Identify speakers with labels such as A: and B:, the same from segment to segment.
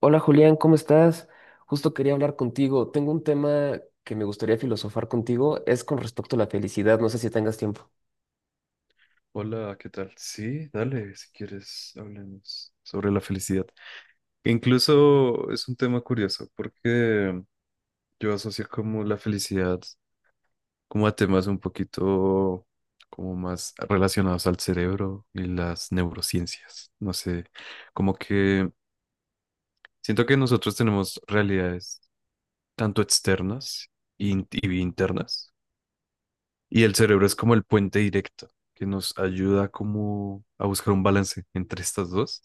A: Hola Julián, ¿cómo estás? Justo quería hablar contigo. Tengo un tema que me gustaría filosofar contigo, es con respecto a la felicidad, no sé si tengas tiempo.
B: Hola, ¿qué tal? Sí, dale, si quieres, hablemos sobre la felicidad. Incluso es un tema curioso porque yo asocio como la felicidad como a temas un poquito como más relacionados al cerebro y las neurociencias. No sé, como que siento que nosotros tenemos realidades tanto externas y internas y el cerebro es como el puente directo que nos ayuda como a buscar un balance entre estas dos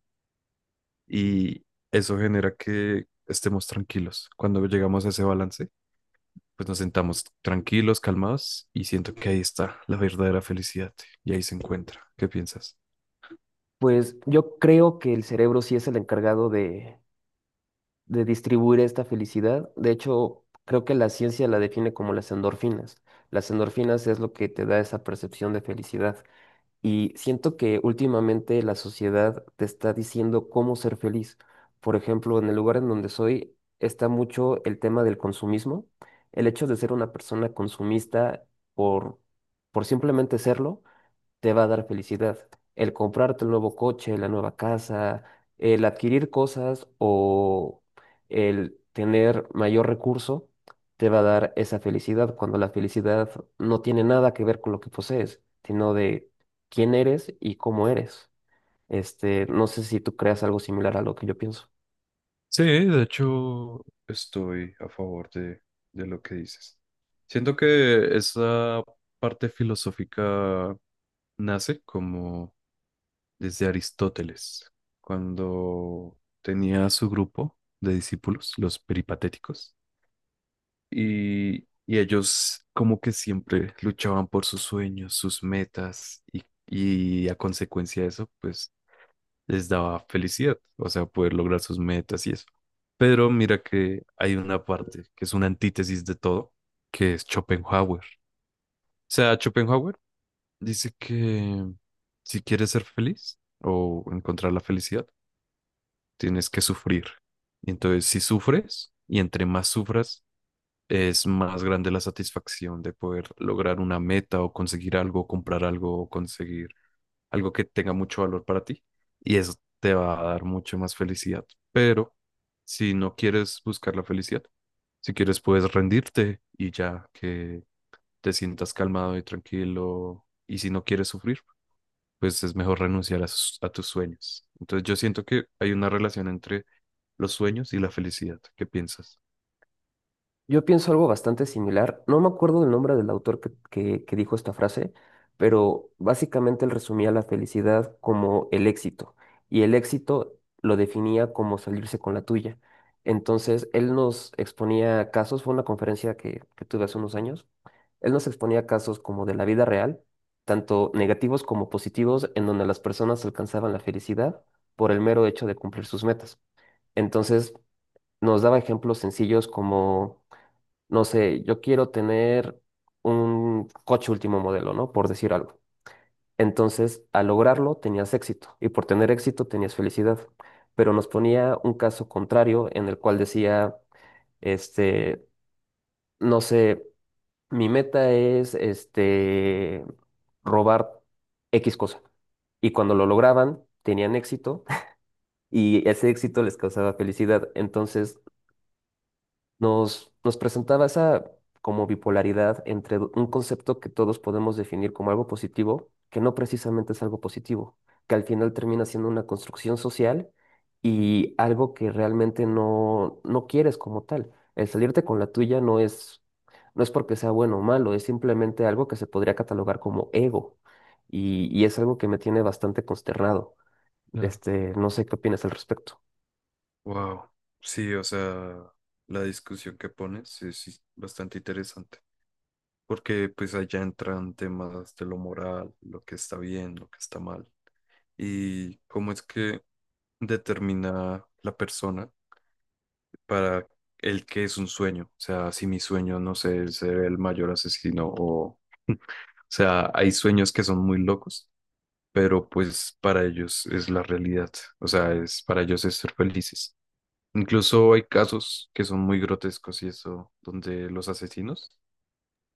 B: y eso genera que estemos tranquilos. Cuando llegamos a ese balance, pues nos sentamos tranquilos, calmados y siento que ahí está la verdadera felicidad y ahí se encuentra. ¿Qué piensas?
A: Pues yo creo que el cerebro sí es el encargado de distribuir esta felicidad. De hecho, creo que la ciencia la define como las endorfinas. Las endorfinas es lo que te da esa percepción de felicidad. Y siento que últimamente la sociedad te está diciendo cómo ser feliz. Por ejemplo, en el lugar en donde soy está mucho el tema del consumismo, el hecho de ser una persona consumista por, por simplemente serlo te va a dar felicidad. El comprarte el nuevo coche, la nueva casa, el adquirir cosas o el tener mayor recurso, te va a dar esa felicidad cuando la felicidad no tiene nada que ver con lo que posees, sino de quién eres y cómo eres. Este, no sé si tú creas algo similar a lo que yo pienso.
B: Sí, de hecho, estoy a favor de lo que dices. Siento que esa parte filosófica nace como desde Aristóteles, cuando tenía su grupo de discípulos, los peripatéticos. Y ellos como que siempre luchaban por sus sueños, sus metas y a consecuencia de eso, pues les daba felicidad, o sea, poder lograr sus metas y eso. Pero mira que hay una parte que es una antítesis de todo, que es Schopenhauer. O sea, Schopenhauer dice que si quieres ser feliz o encontrar la felicidad, tienes que sufrir. Y entonces, si sufres y entre más sufras, es más grande la satisfacción de poder lograr una meta o conseguir algo, comprar algo o conseguir algo que tenga mucho valor para ti y eso te va a dar mucho más felicidad. Pero si no quieres buscar la felicidad, si quieres puedes rendirte y ya que te sientas calmado y tranquilo y si no quieres sufrir, pues es mejor renunciar a tus sueños. Entonces yo siento que hay una relación entre los sueños y la felicidad. ¿Qué piensas?
A: Yo pienso algo bastante similar. No me acuerdo del nombre del autor que dijo esta frase, pero básicamente él resumía la felicidad como el éxito. Y el éxito lo definía como salirse con la tuya. Entonces, él nos exponía casos, fue una conferencia que tuve hace unos años, él nos exponía casos como de la vida real, tanto negativos como positivos, en donde las personas alcanzaban la felicidad por el mero hecho de cumplir sus metas. Entonces, nos daba ejemplos sencillos como no sé, yo quiero tener un coche último modelo, ¿no? Por decir algo. Entonces, al lograrlo, tenías éxito y por tener éxito tenías felicidad. Pero nos ponía un caso contrario en el cual decía, este, no sé, mi meta es, robar X cosa. Y cuando lo lograban, tenían éxito y ese éxito les causaba felicidad. Entonces, nos presentaba esa como bipolaridad entre un concepto que todos podemos definir como algo positivo, que no precisamente es algo positivo, que al final termina siendo una construcción social y algo que realmente no quieres como tal. El salirte con la tuya no es porque sea bueno o malo, es simplemente algo que se podría catalogar como ego. Y es algo que me tiene bastante consternado.
B: Claro.
A: Este, no sé qué opinas al respecto.
B: Wow, sí, o sea, la discusión que pones es bastante interesante, porque pues allá entran temas de lo moral, lo que está bien, lo que está mal, y cómo es que determina la persona para el que es un sueño, o sea, si mi sueño, no sé, es ser el mayor asesino o, o sea, hay sueños que son muy locos, pero pues para ellos es la realidad, o sea, es para ellos es ser felices. Incluso hay casos que son muy grotescos y eso, donde los asesinos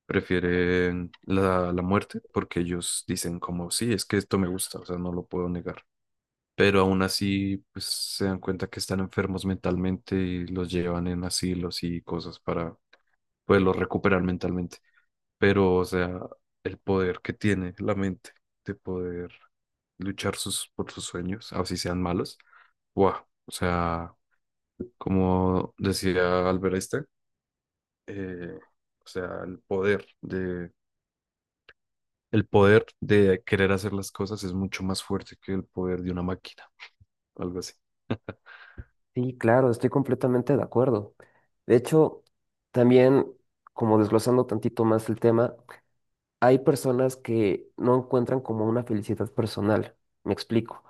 B: prefieren la muerte porque ellos dicen como, sí, es que esto me gusta, o sea, no lo puedo negar. Pero aún así, pues se dan cuenta que están enfermos mentalmente y los llevan en asilos y cosas para poderlos recuperar mentalmente. Pero, o sea, el poder que tiene la mente de poder luchar por sus sueños, así sean malos, wow, o sea, como decía Albert Einstein, eh, o sea, el poder de querer hacer las cosas es mucho más fuerte que el poder de una máquina, algo así.
A: Sí, claro, estoy completamente de acuerdo. De hecho, también, como desglosando tantito más el tema, hay personas que no encuentran como una felicidad personal. Me explico.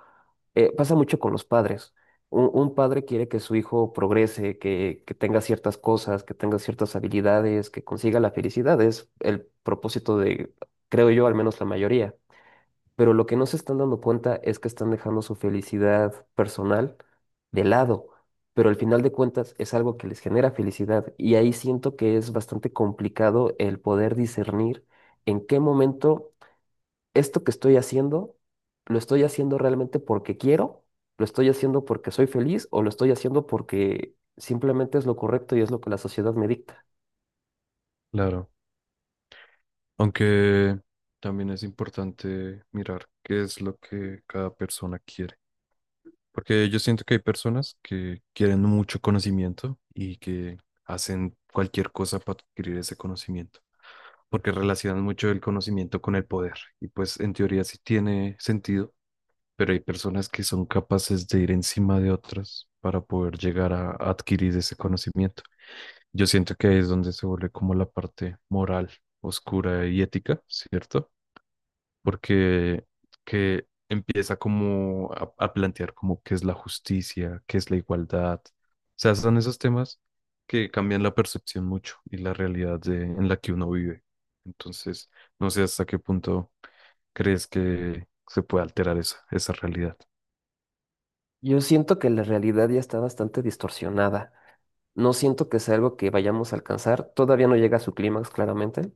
A: Pasa mucho con los padres. Un padre quiere que su hijo progrese, que tenga ciertas cosas, que tenga ciertas habilidades, que consiga la felicidad. Es el propósito de, creo yo, al menos la mayoría, pero lo que no se están dando cuenta es que están dejando su felicidad personal de lado, pero al final de cuentas es algo que les genera felicidad y ahí siento que es bastante complicado el poder discernir en qué momento esto que estoy haciendo, lo estoy haciendo realmente porque quiero, lo estoy haciendo porque soy feliz o lo estoy haciendo porque simplemente es lo correcto y es lo que la sociedad me dicta.
B: Claro, aunque también es importante mirar qué es lo que cada persona quiere, porque yo siento que hay personas que quieren mucho conocimiento y que hacen cualquier cosa para adquirir ese conocimiento porque relacionan mucho el conocimiento con el poder. Y pues en teoría sí tiene sentido, pero hay personas que son capaces de ir encima de otras para poder llegar a adquirir ese conocimiento. Yo siento que ahí es donde se vuelve como la parte moral, oscura y ética, ¿cierto? Porque que empieza como a plantear como qué es la justicia, qué es la igualdad. O sea, son esos temas que cambian la percepción mucho y la realidad en la que uno vive. Entonces, no sé hasta qué punto crees que se puede alterar esa realidad.
A: Yo siento que la realidad ya está bastante distorsionada. No siento que sea algo que vayamos a alcanzar. Todavía no llega a su clímax, claramente,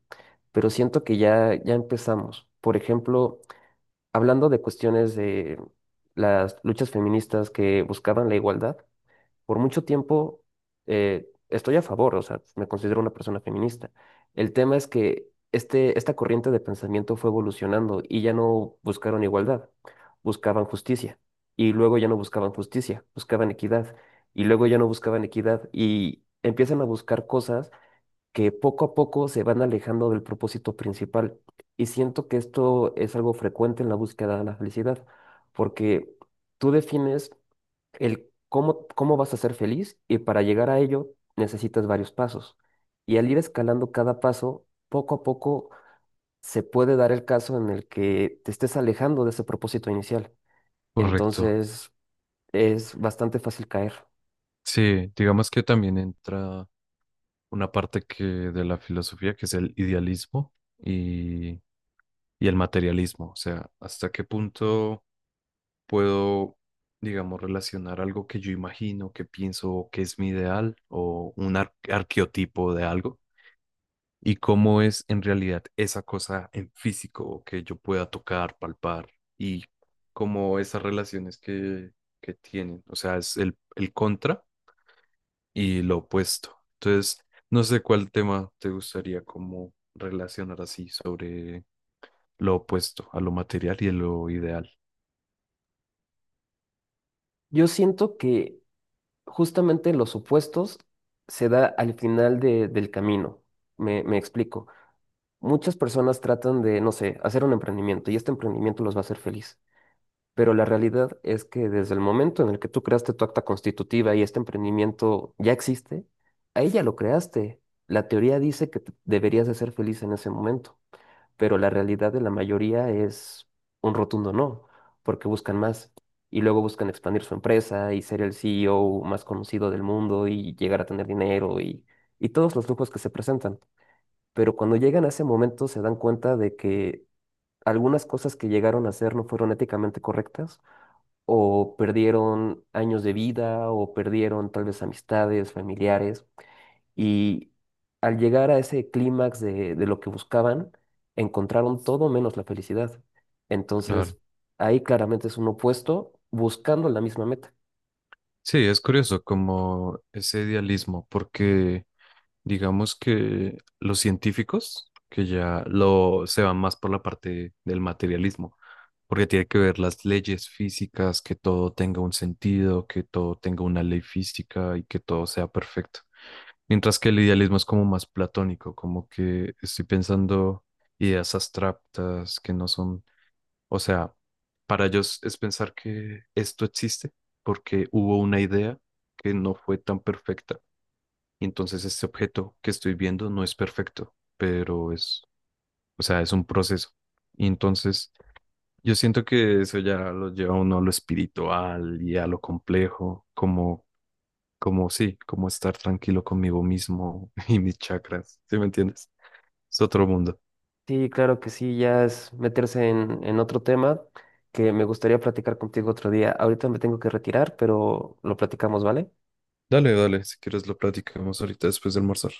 A: pero siento que ya empezamos. Por ejemplo, hablando de cuestiones de las luchas feministas que buscaban la igualdad, por mucho tiempo, estoy a favor, o sea, me considero una persona feminista. El tema es que esta corriente de pensamiento fue evolucionando y ya no buscaron igualdad, buscaban justicia. Y luego ya no buscaban justicia, buscaban equidad. Y luego ya no buscaban equidad. Y empiezan a buscar cosas que poco a poco se van alejando del propósito principal. Y siento que esto es algo frecuente en la búsqueda de la felicidad, porque tú defines el cómo vas a ser feliz y para llegar a ello necesitas varios pasos. Y al ir escalando cada paso, poco a poco se puede dar el caso en el que te estés alejando de ese propósito inicial.
B: Correcto.
A: Entonces es bastante fácil caer.
B: Sí, digamos que también entra una parte que de la filosofía que es el idealismo y, y el materialismo. O sea, hasta qué punto puedo, digamos, relacionar algo que yo imagino, que pienso que es mi ideal o un arqueotipo de algo y cómo es en realidad esa cosa en físico que yo pueda tocar, palpar y cómo esas relaciones que tienen. O sea, es el contra y lo opuesto. Entonces, no sé cuál tema te gustaría como relacionar así sobre lo opuesto a lo material y a lo ideal.
A: Yo siento que justamente los opuestos se da al final del camino. Me explico. Muchas personas tratan de, no sé, hacer un emprendimiento y este emprendimiento los va a hacer feliz. Pero la realidad es que desde el momento en el que tú creaste tu acta constitutiva y este emprendimiento ya existe, ahí ya lo creaste. La teoría dice que deberías de ser feliz en ese momento, pero la realidad de la mayoría es un rotundo no, porque buscan más y luego buscan expandir su empresa y ser el CEO más conocido del mundo y llegar a tener dinero y todos los lujos que se presentan. Pero cuando llegan a ese momento se dan cuenta de que algunas cosas que llegaron a hacer no fueron éticamente correctas o perdieron años de vida o perdieron tal vez amistades, familiares. Y al llegar a ese clímax de lo que buscaban, encontraron todo menos la felicidad.
B: Claro.
A: Entonces, ahí claramente es un opuesto buscando la misma meta.
B: Sí, es curioso como ese idealismo, porque digamos que los científicos que ya lo se van más por la parte del materialismo, porque tiene que ver las leyes físicas, que todo tenga un sentido, que todo tenga una ley física y que todo sea perfecto. Mientras que el idealismo es como más platónico, como que estoy pensando ideas abstractas que no son, o sea, para ellos es pensar que esto existe porque hubo una idea que no fue tan perfecta. Y entonces este objeto que estoy viendo no es perfecto, pero es, o sea, es un proceso. Y entonces yo siento que eso ya lo lleva a uno a lo espiritual y a lo complejo, como como sí, como estar tranquilo conmigo mismo y mis chakras, ¿sí me entiendes? Es otro mundo.
A: Sí, claro que sí, ya es meterse en otro tema que me gustaría platicar contigo otro día. Ahorita me tengo que retirar, pero lo platicamos, ¿vale?
B: Dale, dale, si quieres lo platicamos ahorita después de almorzar.